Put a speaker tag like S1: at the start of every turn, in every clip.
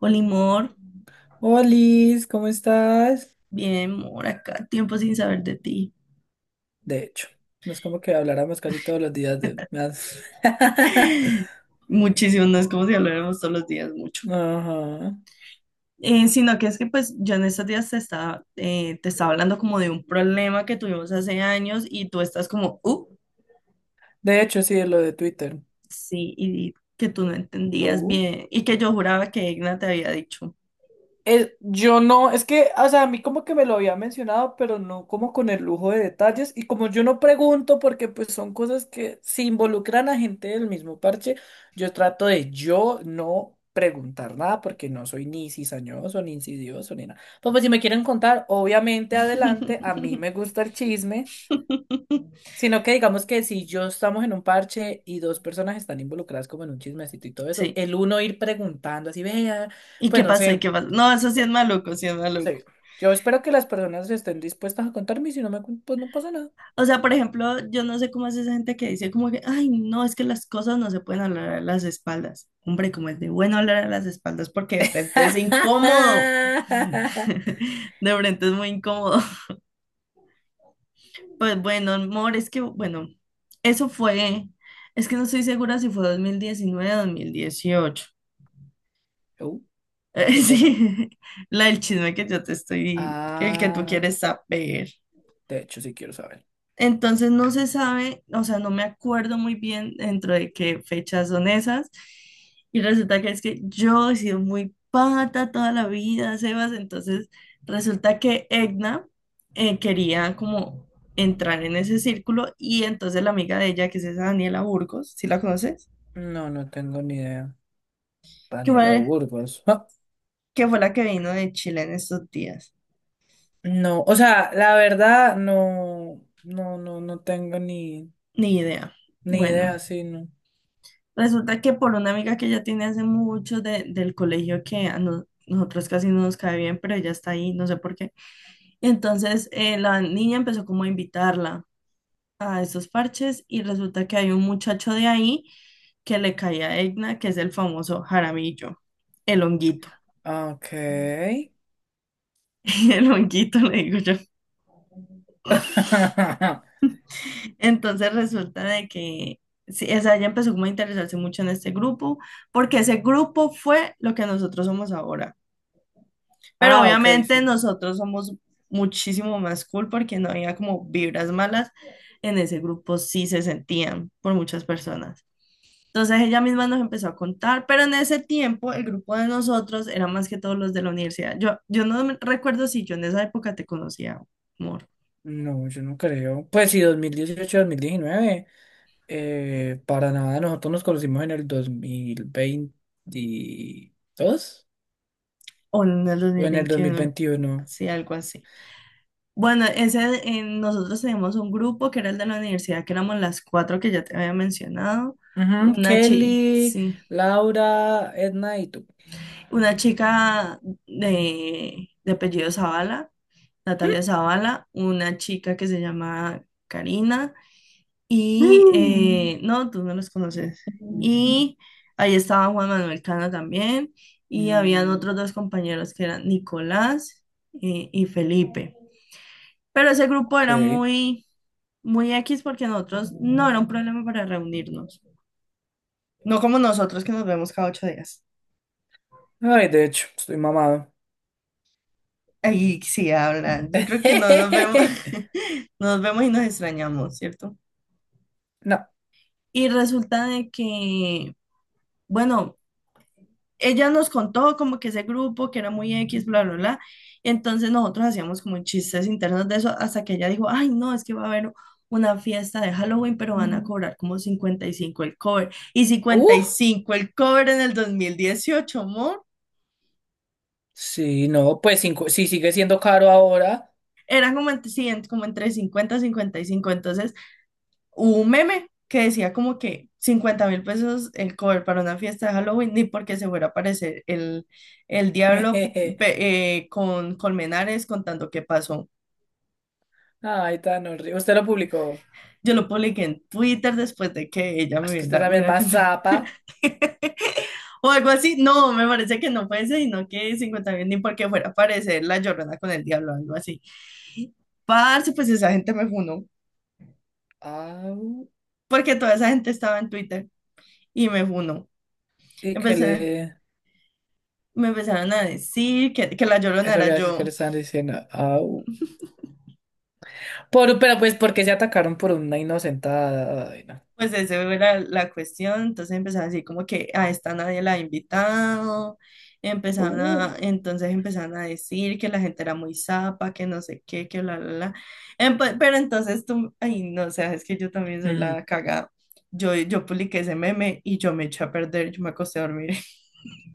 S1: Olimor,
S2: Hola, Liz, ¿cómo estás?
S1: bien, Mor, acá, tiempo sin saber de ti.
S2: De hecho, no es como que habláramos casi todos los días de... me has-
S1: Muchísimo, no es como si habláramos todos los días mucho.
S2: Ajá.
S1: Sino que es que pues yo en estos días te estaba hablando como de un problema que tuvimos hace años y tú estás como,
S2: De hecho, sí, lo de Twitter.
S1: sí, y que tú no entendías
S2: Uh.
S1: bien y que yo juraba que Igna te había dicho.
S2: Yo no, es que, o sea, a mí como que me lo había mencionado, pero no como con el lujo de detalles. Y como yo no pregunto, porque pues son cosas que se involucran a gente del mismo parche, yo trato de yo no preguntar nada, porque no soy ni cizañoso, ni insidioso, ni nada. Pues si me quieren contar, obviamente adelante, a mí me gusta el chisme. Sino que digamos que si yo estamos en un parche y dos personas están involucradas como en un chismecito y todo eso,
S1: Sí.
S2: el uno ir preguntando así, vea,
S1: ¿Y
S2: pues
S1: qué
S2: no
S1: pasó? ¿Y
S2: sé.
S1: qué pasó? No, eso sí es maluco, sí es maluco.
S2: Sí. Yo espero que las personas estén dispuestas a contarme y si no me cu- pues no pasa nada.
S1: O sea, por ejemplo, yo no sé cómo es esa gente que dice como que, ay, no, es que las cosas no se pueden hablar a las espaldas. Hombre, como es de bueno hablar a las espaldas porque de frente es incómodo. De frente es muy incómodo. Pues bueno, amor, es que, bueno, eso fue, es que no estoy segura si fue 2019 o 2018.
S2: Uh, ¿qué cosa?
S1: Sí, la del chisme que yo te estoy, el que tú
S2: Ah,
S1: quieres saber.
S2: de hecho, sí quiero saber.
S1: Entonces no se sabe, o sea, no me acuerdo muy bien dentro de qué fechas son esas. Y resulta que es que yo he sido muy pata toda la vida, Sebas. Entonces resulta que Egna quería como entrar en ese círculo y entonces la amiga de ella, que es esa Daniela Burgos, ¿si la conoces?
S2: No, no tengo ni idea.
S1: Que
S2: Daniela
S1: fue,
S2: Burgos. Ah,
S1: que fue la que vino de Chile en estos días.
S2: no, o sea, la verdad, no, no, no, no tengo ni,
S1: Ni idea.
S2: ni
S1: Bueno,
S2: idea, sí, no.
S1: resulta que por una amiga que ella tiene hace mucho del colegio que a no- nosotros casi no nos cae bien, pero ella está ahí, no sé por qué. Y entonces la niña empezó como a invitarla a esos parches y resulta que hay un muchacho de ahí que le cae a Egna, que es el famoso Jaramillo, el honguito.
S2: Ah, ok.
S1: El honguito, le digo yo. Entonces resulta de que, sí, o sea, ella empezó como a interesarse mucho en este grupo, porque ese grupo fue lo que nosotros somos ahora. Pero
S2: Ah, ok,
S1: obviamente
S2: sí.
S1: nosotros somos muchísimo más cool porque no había como vibras malas. En ese grupo sí se sentían por muchas personas. Entonces ella misma nos empezó a contar, pero en ese tiempo el grupo de nosotros era más que todos los de la universidad. Yo recuerdo si yo en esa época te conocía, amor,
S2: No, yo no creo. Pues sí, dos mil dieciocho, 2019. Para nada, nosotros nos conocimos en el 2022
S1: o en el dos
S2: o
S1: mil
S2: en el
S1: veintiuno
S2: 2021.
S1: sí, algo así. Bueno, ese, nosotros teníamos un grupo que era el de la universidad, que éramos las cuatro que ya te había mencionado.
S2: Ujú, Kelly,
S1: Sí,
S2: Laura, Edna y tú.
S1: una chica de apellido Zavala, Natalia Zavala, una chica que se llama Karina y
S2: Mm.
S1: no, tú no los conoces. Y ahí estaba Juan Manuel Cana también y habían
S2: Mm.
S1: otros dos compañeros que eran Nicolás y Felipe. Pero ese grupo
S2: Ok.
S1: era muy, muy X porque nosotros no era un problema para reunirnos. No como nosotros que nos vemos cada 8 días.
S2: Ay, de hecho, estoy mamado.
S1: Ahí sí hablan. Yo creo que no nos vemos. Nos vemos y nos extrañamos, ¿cierto?
S2: No.
S1: Y resulta de que, bueno, ella nos contó como que ese grupo que era muy X, bla, bla, bla. Entonces nosotros hacíamos como chistes internos de eso hasta que ella dijo, ay, no, es que va a haber una fiesta de Halloween, pero van a cobrar como 55 el cover. Y cincuenta
S2: Uh,
S1: y cinco el cover en el 2018, amor.
S2: sí, no, pues cinco, sí sigue siendo caro ahora.
S1: Era como entre, sí, como entre 50 y 55. Entonces hubo un meme que decía como que 50.000 pesos el cover para una fiesta de Halloween, ni porque se fuera a aparecer el diablo con Colmenares contando qué pasó.
S2: Ay, tan horrible. Usted lo publicó.
S1: Yo lo publiqué en Twitter después de que ella me
S2: Es que usted
S1: hubiera, me
S2: también
S1: hubiera
S2: más
S1: contado.
S2: zapa.
S1: O algo así. No, me parece que no fue ese, sino que 50.000, ni porque fuera a aparecer la Llorona con el diablo, algo así. Parce, pues esa gente me funó,
S2: Ah,
S1: porque toda esa gente estaba en Twitter y me funó.
S2: y que
S1: Empecé,
S2: le
S1: me empezaron a decir que la Llorona
S2: eso le
S1: era
S2: iba a decir
S1: yo.
S2: que le estaban diciendo. Au. Por, pero pues porque se atacaron por una inocentada. Ay, no.
S1: Pues esa era la cuestión, entonces empezaron a decir como que a esta nadie la ha invitado, empezaron
S2: Uh.
S1: a, entonces empezaron a decir que la gente era muy zapa, que no sé qué, que bla, bla, bla. Pero entonces tú, ay, no, o sea, es que yo también soy
S2: Mm.
S1: la cagada. Yo publiqué ese meme y yo me eché a perder, yo me acosté a dormir.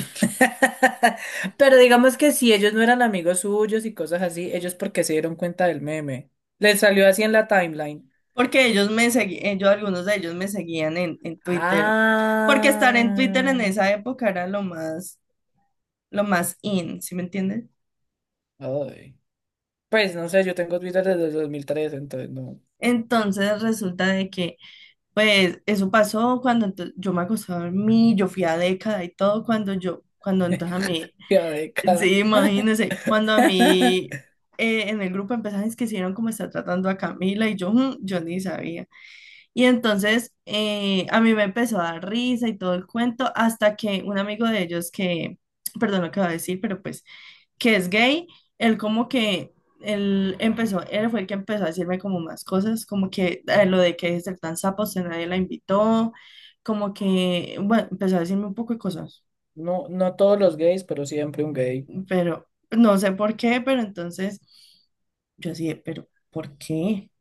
S2: Pero digamos que si ellos no eran amigos suyos y cosas así, ellos porque se dieron cuenta del meme. Les salió así en la timeline.
S1: Porque ellos me seguían, yo, algunos de ellos me seguían en Twitter. Porque estar en Twitter en
S2: Ah.
S1: esa época era lo más in, ¿sí me entiendes?
S2: Ay. Pues no sé, yo tengo Twitter desde el 2003 entonces no.
S1: Entonces resulta de que, pues, eso pasó cuando yo me acosté a dormir, yo fui a década y todo, cuando yo, cuando entonces a mí,
S2: Ya década.
S1: sí, imagínense, cuando a mí en el grupo empezaron, es que hicieron como está tratando a Camila y yo, "Mm", yo ni sabía. Y entonces a mí me empezó a dar risa y todo el cuento, hasta que un amigo de ellos que, perdón lo que voy a decir, pero pues que es gay, él como que, él empezó, él fue el que empezó a decirme como más cosas, como que lo de que deje de ser tan sapo, que nadie la invitó, como que, bueno, empezó a decirme un poco de cosas,
S2: No, no todos los gays, pero siempre un gay.
S1: pero no sé por qué, pero entonces yo así, de, pero ¿por qué?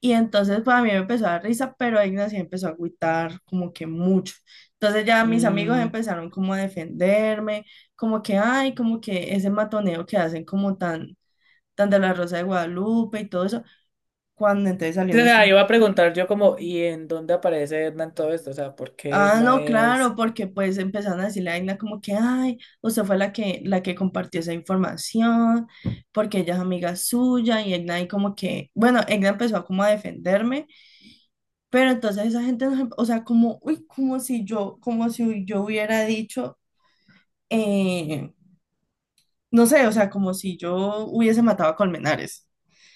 S1: Y entonces pues a mí me empezó a dar risa, pero Ignacio empezó a agüitar como que mucho. Entonces ya mis amigos
S2: Mm,
S1: empezaron como a defenderme, como que, ay, como que ese matoneo que hacen como tan tan de la Rosa de Guadalupe y todo eso, cuando entonces salió
S2: sí, o sea,
S1: nuestra...
S2: iba a preguntar yo como, ¿y en dónde aparece Edna en todo esto? O sea, ¿por qué
S1: Ah,
S2: Edna
S1: no, claro,
S2: es...?
S1: porque pues empezaron a decirle a Aina como que, ay, usted fue la que compartió esa información, porque ella es amiga suya, y Aina ahí como que, bueno, Aina empezó como a defenderme, pero entonces esa gente, o sea, como, uy, como si yo hubiera dicho, eh, no sé, o sea, como si yo hubiese matado a Colmenares.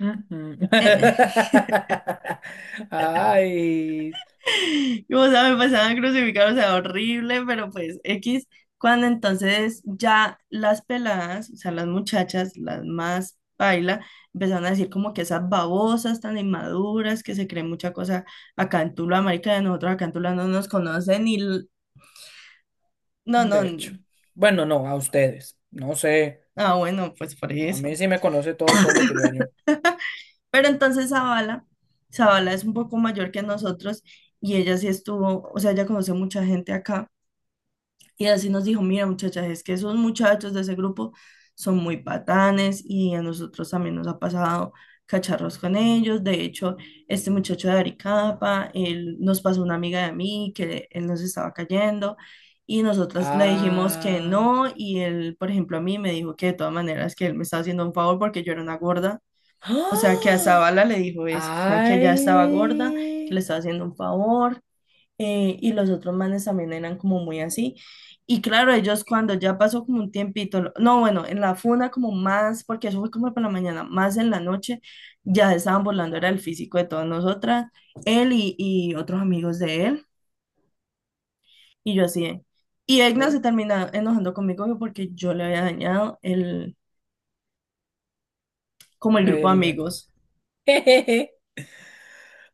S2: Ujú. Ay,
S1: Y, o sea, me pasaban crucificados, o sea, horrible, pero pues X, cuando entonces ya las peladas, o sea, las muchachas, las más paila, empezaron a decir como que esas babosas tan inmaduras, que se creen mucha cosa acá en Tula, marica, de nosotros acá en Tula no nos conocen y no, no,
S2: de hecho. Bueno, no, a ustedes. No sé.
S1: ah, bueno, pues por
S2: A
S1: eso.
S2: mí sí me conoce todo el pueblo tulueño.
S1: Pero entonces Zavala es un poco mayor que nosotros y ella sí estuvo, o sea, ella conoce mucha gente acá. Y así nos dijo, mira muchachas, es que esos muchachos de ese grupo son muy patanes y a nosotros también nos ha pasado cacharros con ellos. De hecho, este muchacho de Aricapa, él nos pasó una amiga de mí que él nos estaba cayendo y nosotras le dijimos que
S2: Ah.
S1: no y él, por ejemplo, a mí me dijo que de todas maneras que él me estaba haciendo un favor porque yo era una gorda. O sea, que a
S2: ¡Ah!
S1: Zavala le dijo eso, o sea, que ella estaba gorda, que le
S2: Ay.
S1: estaba haciendo un favor, y los otros manes también eran como muy así. Y claro, ellos cuando ya pasó como un tiempito, no, bueno, en la funa como más, porque eso fue como para la mañana, más en la noche, ya se estaban burlando, era el físico de todas nosotras, él y otros amigos de él, y yo así. Y Egna se
S2: No,
S1: termina enojando conmigo porque yo le había dañado el, como el grupo de
S2: el...
S1: amigos.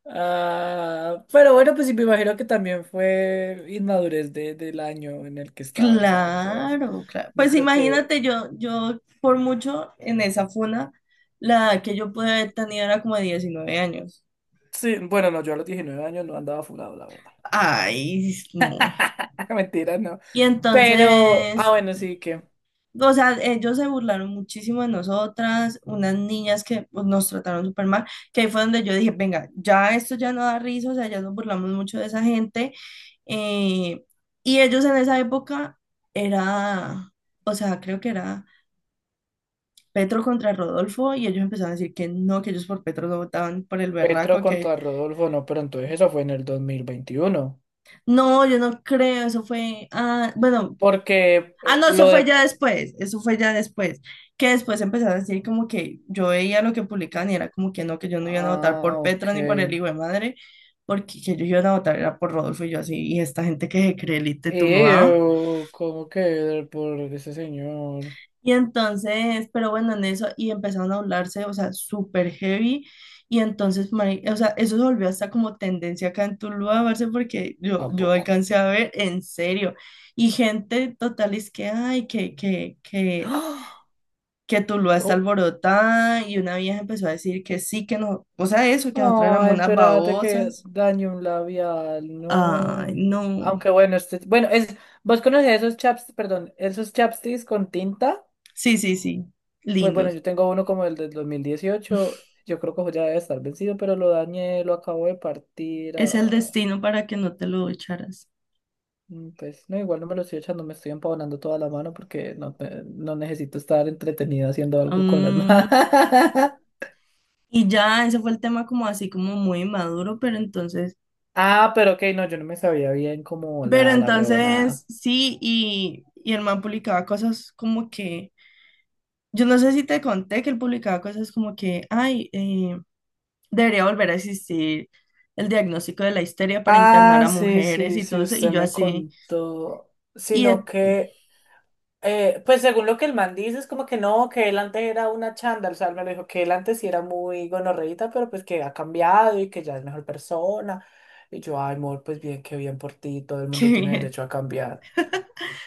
S2: Ah, pero bueno, pues sí, me imagino que también fue inmadurez de, del año en el que estaban, ¿sabes? Pues,
S1: Claro, claro.
S2: no
S1: Pues
S2: creo que...
S1: imagínate, yo por mucho en esa funa, la que yo pude haber tenido era como de 19 años.
S2: Sí, bueno, no, yo a los 19 años no andaba fulado, la verdad.
S1: Ay, no.
S2: Mentira, no.
S1: Y
S2: Pero, ah,
S1: entonces,
S2: bueno, sí que
S1: o sea, ellos se burlaron muchísimo de nosotras, unas niñas que pues, nos trataron súper mal, que ahí fue donde yo dije, venga, ya esto ya no da risa, o sea, ya nos burlamos mucho de esa gente. Eh, y ellos en esa época era, o sea, creo que era Petro contra Rodolfo y ellos empezaron a decir que no, que ellos por Petro no votaban por el
S2: Petro
S1: berraco, que
S2: contra Rodolfo, no, pero entonces eso fue en el 2021.
S1: no, yo no creo, eso fue, ah, bueno,
S2: Porque
S1: ah, no, eso
S2: lo
S1: fue
S2: de...
S1: ya después, eso fue ya después, que después empezaron a decir como que yo veía lo que publicaban y era como que no, que yo no iban a votar
S2: Ah,
S1: por Petro
S2: ok.
S1: ni por el hijo de madre, porque que ellos iban a votar era por Rodolfo y yo así, y esta gente que se cree elite, tú lo.
S2: Ew, ¿cómo que por ese señor?
S1: Y entonces, pero bueno, en eso, y empezaron a hablarse, o sea, súper heavy. Y entonces, o sea, eso se volvió hasta como tendencia acá en Tuluá, parce, porque
S2: ¿A
S1: yo
S2: poco?
S1: alcancé a ver, en serio. Y gente total es que, ay, que, que, que,
S2: Ah.
S1: que Tuluá está alborotada. Y una vieja empezó a decir que sí, que no, o sea, eso, que nosotras éramos
S2: Ay,
S1: unas
S2: espérate que
S1: babosas.
S2: dañé un labial,
S1: Ay,
S2: no.
S1: no.
S2: Aunque bueno, este, bueno, es, vos conocés esos chaps, perdón, esos chapsticks con tinta.
S1: Sí, sí, sí,
S2: Pues bueno,
S1: lindos.
S2: yo tengo uno como el del 2018. Yo creo que ya debe estar vencido, pero lo dañé, lo acabo de partir.
S1: Es el
S2: Ah,
S1: destino para que no te lo echaras.
S2: mm, pues no, igual no me lo estoy echando, me estoy empavonando toda la mano porque no, te- no necesito estar entretenido haciendo algo con las
S1: Mm.
S2: manos.
S1: Y ya, ese fue el tema como así como muy maduro, pero entonces,
S2: Ah, pero ok, no, yo no me sabía bien como
S1: pero
S2: la huevonada.
S1: entonces sí, y, y el man publicaba cosas como que, yo no sé si te conté que él publicaba cosas como que, ay, debería volver a existir el diagnóstico de la histeria para internar
S2: Ah,
S1: a
S2: sí,
S1: mujeres
S2: sí,
S1: y
S2: sí,
S1: todo eso, y
S2: usted
S1: yo
S2: me
S1: así,
S2: contó.
S1: y
S2: Sino
S1: eh,
S2: que, pues según lo que el man dice, es como que no, que él antes era una chándal, o sea, él me lo dijo que él antes sí era muy gonorreíta, pero pues que ha cambiado y que ya es mejor persona. Y yo, ay, amor, pues bien, qué bien por ti, todo el mundo
S1: Qué
S2: tiene
S1: bien,
S2: derecho a cambiar.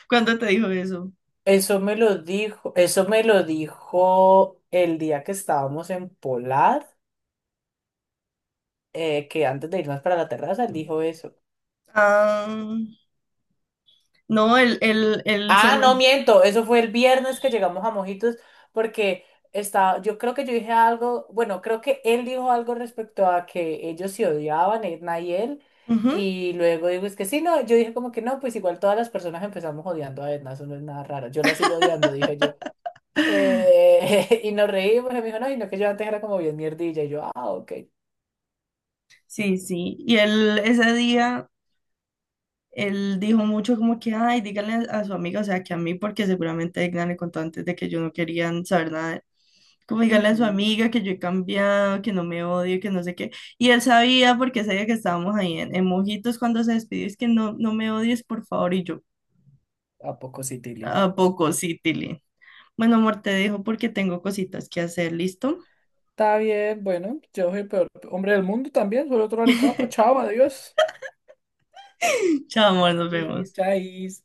S1: ¿cuándo te dijo eso?
S2: Eso me lo dijo, eso me lo dijo el día que estábamos en Polar, que antes de irnos para la terraza, él dijo eso.
S1: Ah, no, el
S2: Ah,
S1: seguro.
S2: no miento, eso fue el viernes que llegamos a Mojitos porque estaba, yo creo que yo dije algo, bueno, creo que él dijo algo respecto a que ellos se odiaban, Edna y él,
S1: Ujú,
S2: y luego digo, es que sí, no, yo dije como que no, pues igual todas las personas empezamos odiando a Edna, eso no es nada raro, yo la sigo odiando, dije yo. Y nos reímos, y me dijo, no, y no, que yo antes era como bien mierdilla, y yo, ah, ok.
S1: sí, sí. Y él ese día él dijo mucho como que, ay, díganle a su amiga, o sea, que a mí, porque seguramente Edna le contó antes de que yo no querían saber nada. Como díganle a su
S2: Ujú.
S1: amiga que yo he cambiado, que no me odio, que no sé qué. Y él sabía, porque sabía que estábamos ahí en Mojitos cuando se despidió, es que no, no me odies, por favor. Y yo,
S2: ¿A poco sí, Tilly?
S1: ¿a poco sí, Tilly? Bueno, amor, te dejo porque tengo cositas que hacer, ¿listo?
S2: Está bien, bueno, yo soy el peor hombre del mundo también, soy otro aricapa, chao, adiós.
S1: Chao, amor, nos
S2: Iris,
S1: vemos.
S2: chais.